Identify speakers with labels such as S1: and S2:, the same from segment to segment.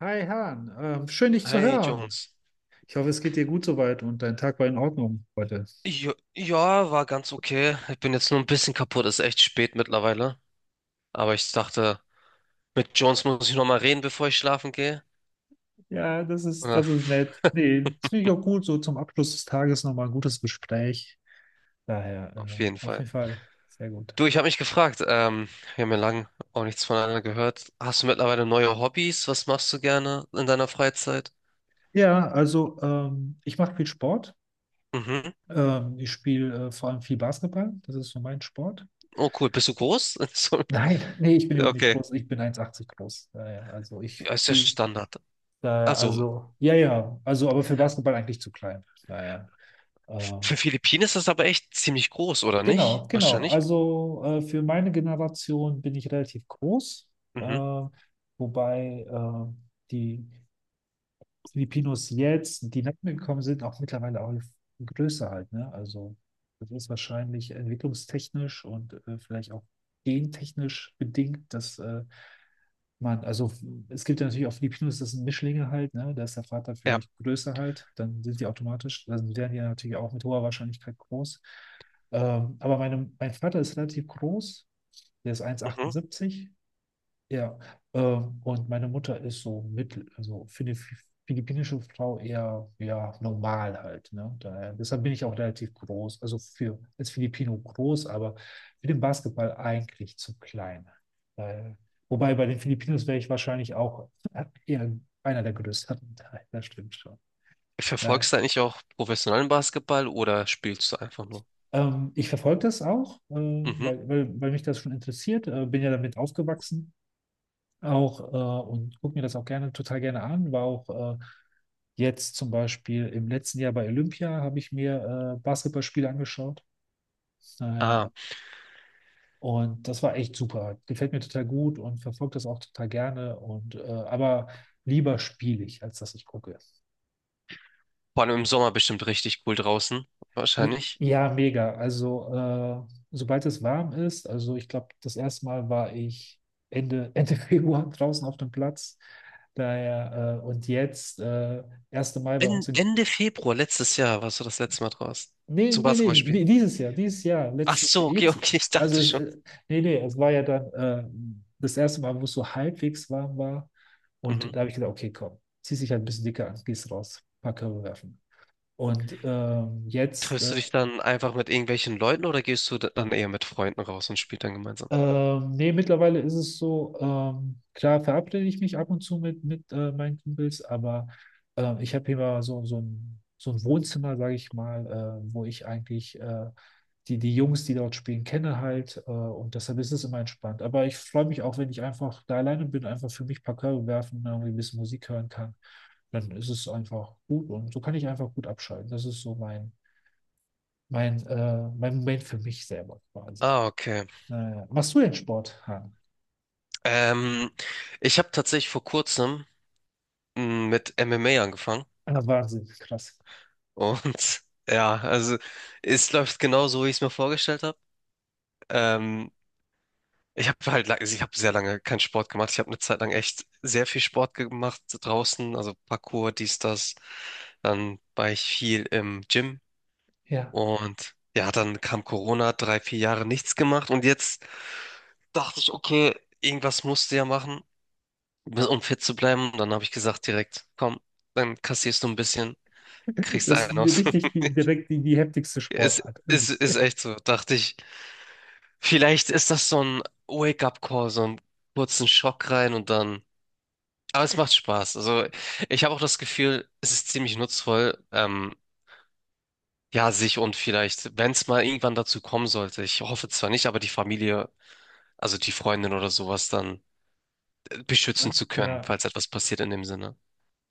S1: Hi Han, schön dich zu
S2: Hey
S1: hören.
S2: Jones.
S1: Ich hoffe, es geht dir gut soweit und dein Tag war in Ordnung heute.
S2: Jo ja, war ganz okay. Ich bin jetzt nur ein bisschen kaputt, ist echt spät mittlerweile. Aber ich dachte, mit Jones muss ich nochmal reden, bevor ich schlafen gehe.
S1: Ja,
S2: Ja,
S1: das ist nett. Nee, das finde ich auch gut. So zum Abschluss des Tages nochmal ein gutes Gespräch.
S2: auf jeden
S1: Auf
S2: Fall.
S1: jeden Fall sehr gut.
S2: Du, ich habe mich gefragt, wir haben ja lang auch nichts voneinander gehört. Hast du mittlerweile neue Hobbys? Was machst du gerne in deiner Freizeit?
S1: Ja, also ich mache viel Sport.
S2: Mhm.
S1: Ich spiele vor allem viel Basketball. Das ist so mein Sport.
S2: Oh cool, bist du groß? So,
S1: Nein, nee, ich bin
S2: ja,
S1: überhaupt nicht
S2: okay.
S1: groß. Ich bin 1,80 groß. Naja, also ich
S2: Ja, ist ja
S1: spiele,
S2: Standard. Also,
S1: ja, ja, also aber für Basketball eigentlich zu klein. Naja.
S2: für Philippinen ist das aber echt ziemlich groß, oder
S1: Genau,
S2: nicht?
S1: genau.
S2: Wahrscheinlich.
S1: Also für meine Generation bin ich relativ groß,
S2: Mhm.
S1: äh, wobei die Filipinos jetzt, die nach mir gekommen sind, auch mittlerweile auch größer halt, ne? Also das ist wahrscheinlich entwicklungstechnisch und vielleicht auch gentechnisch bedingt, also es gibt ja natürlich auch Filipinos, das sind Mischlinge halt, ne? Da ist der Vater
S2: Ja.
S1: vielleicht größer halt, dann werden die natürlich auch mit hoher Wahrscheinlichkeit groß. Mein Vater ist relativ groß, der ist
S2: Mhm.
S1: 1,78, ja, und meine Mutter ist so mittel, also für eine philippinische Frau eher ja, normal halt. Ne? Deshalb bin ich auch relativ groß, also für als Filipino groß, aber für den Basketball eigentlich zu klein. Daher, wobei bei den Filipinos wäre ich wahrscheinlich auch eher einer der größeren. Daher, das stimmt schon. Daher,
S2: Verfolgst du eigentlich auch professionellen Basketball oder spielst du einfach nur?
S1: Ich verfolge das auch,
S2: Mhm.
S1: weil mich das schon interessiert, bin ja damit aufgewachsen. Auch Und gucke mir das auch gerne, total gerne an. War auch jetzt zum Beispiel im letzten Jahr bei Olympia, habe ich mir Basketballspiele angeschaut. Äh,
S2: Ah,
S1: und das war echt super. Gefällt mir total gut und verfolge das auch total gerne. Und aber lieber spiele ich, als dass ich gucke.
S2: vor allem im Sommer bestimmt richtig cool draußen, wahrscheinlich.
S1: Ja, mega. Also, sobald es warm ist, also ich glaube, das erste Mal war ich Ende, Ende Februar draußen auf dem Platz. Und jetzt, erste Mal bei
S2: En
S1: uns in.
S2: Ende Februar letztes Jahr warst du das letzte Mal draußen
S1: Nee,
S2: zum
S1: nee, nee,
S2: Basketballspielen.
S1: dieses Jahr,
S2: Ach
S1: letztes,
S2: so, okay,
S1: jetzt.
S2: okay, ich
S1: Also,
S2: dachte
S1: es,
S2: schon.
S1: äh, Nee, nee, es war ja dann das erste Mal, wo es so halbwegs warm war. Und
S2: Mhm.
S1: da habe ich gedacht, okay, komm, zieh dich halt ein bisschen dicker an, gehst raus, paar Körbe werfen. Und jetzt.
S2: Triffst du dich dann einfach mit irgendwelchen Leuten oder gehst du dann eher mit Freunden raus und spielt dann gemeinsam?
S1: Nee, mittlerweile ist es so, klar verabrede ich mich ab und zu mit meinen Kumpels, aber ich habe hier mal so, so ein Wohnzimmer, sage ich mal, wo ich eigentlich die, die Jungs, die dort spielen, kenne halt, und deshalb ist es immer entspannt. Aber ich freue mich auch, wenn ich einfach da alleine bin, einfach für mich ein paar Körbe werfen, irgendwie ein bisschen Musik hören kann, dann ist es einfach gut und so kann ich einfach gut abschalten. Das ist so mein Moment für mich selber quasi.
S2: Ah, okay.
S1: Naja. Machst du denn Sport, Han?
S2: Ähm, ich habe tatsächlich vor kurzem mit MMA angefangen
S1: Ah, Wahnsinn, krass.
S2: und ja, also es läuft genau so, wie ich es mir vorgestellt habe. Ähm, ich habe halt, ich habe sehr lange keinen Sport gemacht. Ich habe eine Zeit lang echt sehr viel Sport gemacht draußen, also Parkour, dies, das. Dann war ich viel im Gym
S1: Ja.
S2: und ja, dann kam Corona, drei, vier Jahre nichts gemacht und jetzt dachte ich, okay, irgendwas musst du ja machen, um fit zu bleiben. Und dann habe ich gesagt direkt, komm, dann kassierst du ein bisschen, kriegst
S1: Das
S2: einen
S1: ist
S2: aus.
S1: richtig die heftigste
S2: Es
S1: Sportart. Irgendwie.
S2: ist echt so, dachte ich. Vielleicht ist das so ein Wake-up-Call, so einen kurzen Schock rein und dann. Aber es macht Spaß. Also ich habe auch das Gefühl, es ist ziemlich nutzvoll, ja, sich und vielleicht, wenn es mal irgendwann dazu kommen sollte, ich hoffe zwar nicht, aber die Familie, also die Freundin oder sowas dann beschützen zu können,
S1: Ja.
S2: falls etwas passiert in dem Sinne.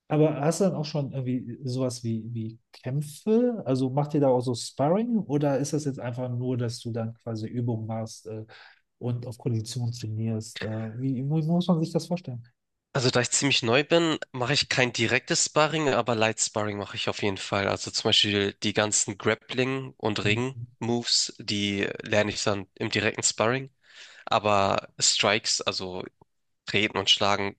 S1: Aber hast du dann auch schon irgendwie sowas wie, wie Kämpfe? Also macht ihr da auch so Sparring oder ist das jetzt einfach nur, dass du dann quasi Übungen machst und auf Kondition trainierst? Wie muss man sich das vorstellen?
S2: Also da ich ziemlich neu bin, mache ich kein direktes Sparring, aber Light Sparring mache ich auf jeden Fall. Also zum Beispiel die ganzen Grappling- und
S1: Mhm.
S2: Ring-Moves, die lerne ich dann im direkten Sparring. Aber Strikes, also Treten und Schlagen,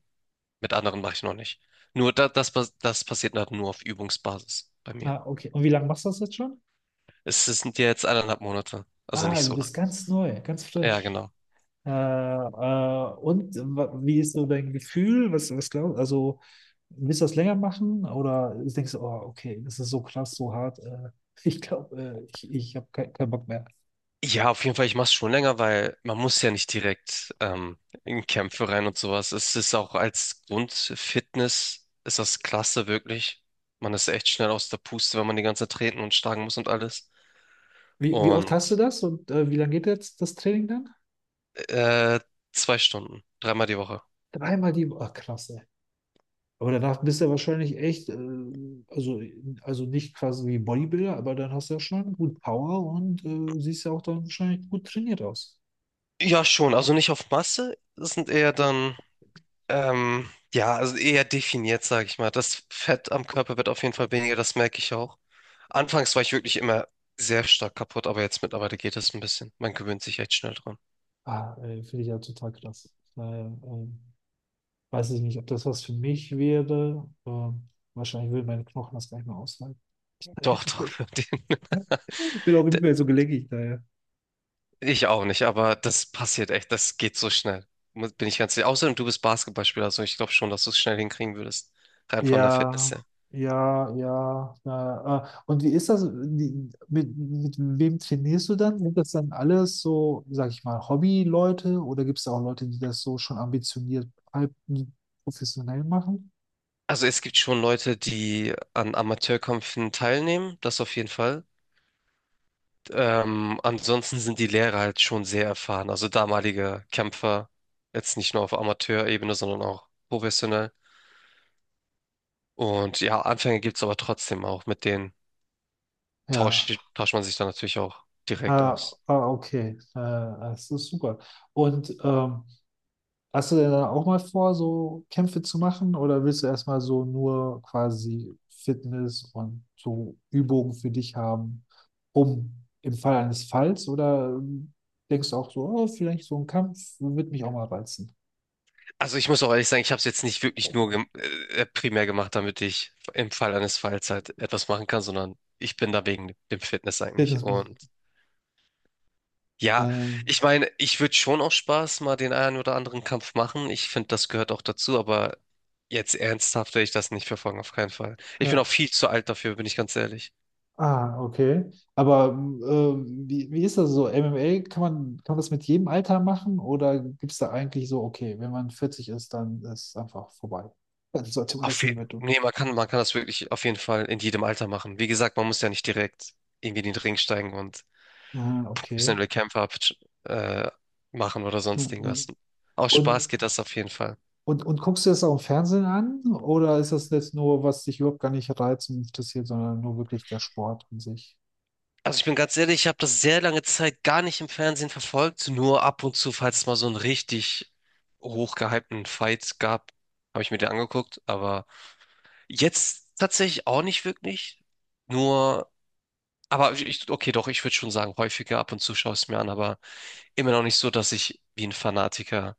S2: mit anderen mache ich noch nicht. Nur da, das, das passiert halt nur auf Übungsbasis bei mir.
S1: Ah, okay. Und wie lange machst du das jetzt schon?
S2: Es sind ja jetzt 1,5 Monate, also
S1: Ah,
S2: nicht
S1: du
S2: so lang.
S1: bist ganz neu, ganz
S2: Ja,
S1: frisch.
S2: genau.
S1: Wie ist so dein Gefühl? Was glaubst du? Also, willst du das länger machen? Oder denkst du, oh, okay, das ist so krass, so hart. Ich glaube, ich habe keinen Bock mehr.
S2: Ja, auf jeden Fall, ich mache es schon länger, weil man muss ja nicht direkt in Kämpfe rein und sowas. Es ist auch als Grundfitness, ist das klasse wirklich. Man ist echt schnell aus der Puste, wenn man die ganze Zeit treten und schlagen muss und alles.
S1: Wie oft
S2: Und
S1: hast du das und wie lange geht jetzt das Training dann?
S2: äh, 2 Stunden, 3-mal die Woche.
S1: Dreimal die Woche. Ach, krass, ey. Aber danach bist du ja wahrscheinlich echt, also, also nicht quasi wie Bodybuilder, aber dann hast du ja schon gut Power und siehst ja auch dann wahrscheinlich gut trainiert aus.
S2: Ja, schon. Also nicht auf Masse. Das sind eher dann ähm, ja, also eher definiert, sage ich mal. Das Fett am Körper wird auf jeden Fall weniger, das merke ich auch. Anfangs war ich wirklich immer sehr stark kaputt, aber jetzt mittlerweile geht es ein bisschen. Man gewöhnt sich echt schnell dran.
S1: Ah, finde ich ja total krass. Weiß ich nicht, ob das was für mich wäre. Wahrscheinlich würden meine Knochen das gar nicht mehr aushalten.
S2: Doch,
S1: Ich
S2: doch.
S1: bin,
S2: den-
S1: Ich bin auch nicht
S2: de-
S1: mehr so gelenkig daher.
S2: Ich auch nicht, aber das passiert echt, das geht so schnell. Bin ich ganz sicher. Außerdem, du bist Basketballspieler, also ich glaube schon, dass du es schnell hinkriegen würdest. Rein von der Fitness
S1: Ja,
S2: her.
S1: ja, ja. Na, und wie ist das? Mit wem trainierst du dann? Sind das dann alles so, sag ich mal, Hobby-Leute oder gibt es auch Leute, die das so schon ambitioniert, halb professionell machen?
S2: Also es gibt schon Leute, die an Amateurkämpfen teilnehmen, das auf jeden Fall. Ansonsten sind die Lehrer halt schon sehr erfahren. Also damalige Kämpfer, jetzt nicht nur auf Amateurebene, sondern auch professionell. Und ja, Anfänge gibt es aber trotzdem auch. Mit denen
S1: Ja,
S2: tauscht man sich dann natürlich auch direkt
S1: ah,
S2: aus.
S1: ah, okay, das ist super. Und hast du denn dann auch mal vor, so Kämpfe zu machen oder willst du erstmal so nur quasi Fitness und so Übungen für dich haben, um im Fall eines Falls oder denkst du auch so, oh, vielleicht so ein Kampf wird mich auch mal reizen?
S2: Also ich muss auch ehrlich sagen, ich habe es jetzt nicht wirklich nur gem primär gemacht, damit ich im Fall eines Falls halt etwas machen kann, sondern ich bin da wegen dem Fitness eigentlich.
S1: Fitness,
S2: Und ja,
S1: äh,
S2: ich meine, ich würde schon auch Spaß mal den einen oder anderen Kampf machen. Ich finde, das gehört auch dazu, aber jetzt ernsthaft werde ich das nicht verfolgen, auf keinen Fall. Ich bin auch
S1: ja.
S2: viel zu alt dafür, bin ich ganz ehrlich.
S1: Ah, okay. Aber wie ist das so? MMA, kann man das mit jedem Alter machen oder gibt es da eigentlich so, okay, wenn man 40 ist, dann ist es einfach vorbei? Dann sollte man das
S2: Auf jeden,
S1: nicht mehr.
S2: nee, man kann das wirklich auf jeden Fall in jedem Alter machen. Wie gesagt, man muss ja nicht direkt irgendwie in den Ring steigen und
S1: Ah, okay.
S2: professionelle Kämpfe äh, machen oder sonst
S1: Ja, ja.
S2: irgendwas. Aus Spaß
S1: Und,
S2: geht das auf jeden Fall.
S1: und guckst du das auch im Fernsehen an? Oder ist das jetzt nur, was dich überhaupt gar nicht reizt und interessiert, sondern nur wirklich der Sport an sich?
S2: Also ich bin ganz ehrlich, ich habe das sehr lange Zeit gar nicht im Fernsehen verfolgt, nur ab und zu, falls es mal so einen richtig hochgehypten Fight gab, habe ich mir den angeguckt, aber jetzt tatsächlich auch nicht wirklich. Nur, aber ich, okay, doch, ich würde schon sagen, häufiger ab und zu schaue ich es mir an, aber immer noch nicht so, dass ich wie ein Fanatiker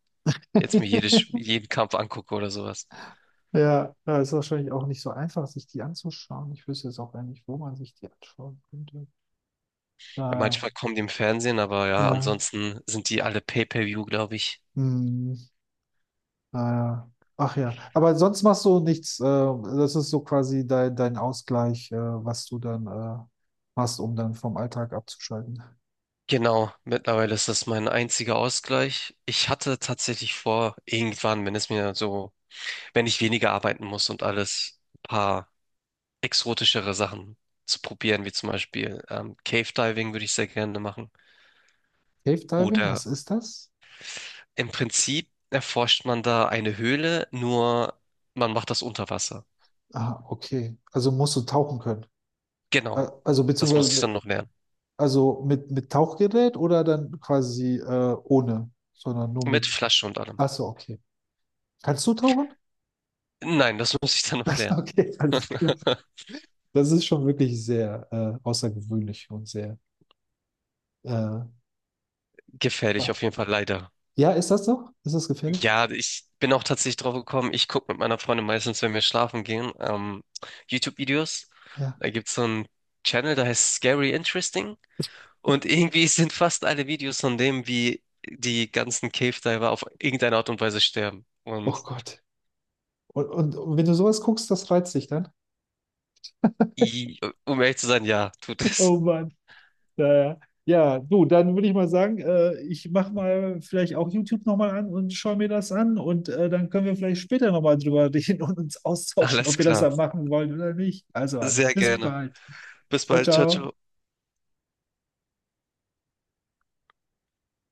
S2: jetzt mir jeden Kampf angucke oder sowas.
S1: Ja, ja, ist wahrscheinlich auch nicht so einfach, sich die anzuschauen. Ich wüsste jetzt auch gar nicht, wo man sich die anschauen könnte.
S2: Ja,
S1: Naja,
S2: manchmal kommen die im Fernsehen, aber
S1: ja,
S2: ja,
S1: ja,
S2: ansonsten sind die alle Pay-per-view, glaube ich.
S1: hm, naja. Ach ja, aber sonst machst du nichts. Das ist so quasi dein, dein Ausgleich, was du dann machst, um dann vom Alltag abzuschalten.
S2: Genau, mittlerweile ist das mein einziger Ausgleich. Ich hatte tatsächlich vor, irgendwann, wenn es mir so, wenn ich weniger arbeiten muss und alles, ein paar exotischere Sachen zu probieren, wie zum Beispiel Cave Diving würde ich sehr gerne machen.
S1: Cave Diving,
S2: Oder
S1: was ist das?
S2: im Prinzip erforscht man da eine Höhle, nur man macht das unter Wasser.
S1: Ah, okay. Also musst du tauchen können. Äh,
S2: Genau,
S1: Also
S2: das
S1: beziehungsweise
S2: muss ich dann
S1: mit,
S2: noch lernen.
S1: also mit Tauchgerät oder dann quasi ohne, sondern nur
S2: Mit
S1: mit.
S2: Flasche und allem.
S1: Ach so, okay. Kannst du tauchen?
S2: Nein, das muss ich dann noch
S1: Ach so,
S2: lernen.
S1: okay, alles klar. Das ist schon wirklich sehr außergewöhnlich und sehr. Äh,
S2: Gefährlich
S1: wa-
S2: auf jeden Fall, leider.
S1: ja, ist das doch? Ist das gefährlich?
S2: Ja, ich bin auch tatsächlich drauf gekommen. Ich gucke mit meiner Freundin meistens, wenn wir schlafen gehen, YouTube-Videos.
S1: Ja.
S2: Da gibt's so einen Channel, der heißt Scary Interesting. Und irgendwie sind fast alle Videos von dem, wie die ganzen Cave Diver auf irgendeine Art und Weise sterben. Und
S1: Oh Gott. Und wenn du sowas guckst, das reizt dich dann.
S2: i- um ehrlich zu sein, ja, tut
S1: Oh
S2: es.
S1: Mann. Naja. Ja, ja, du, dann würde ich mal sagen, ich mache mal vielleicht auch YouTube nochmal an und schaue mir das an und dann können wir vielleicht später nochmal drüber reden und uns austauschen,
S2: Alles
S1: ob wir das
S2: klar.
S1: dann machen wollen oder nicht. Also,
S2: Sehr
S1: bis
S2: gerne.
S1: bald.
S2: Bis
S1: Ciao,
S2: bald. Ciao,
S1: ciao.
S2: ciao.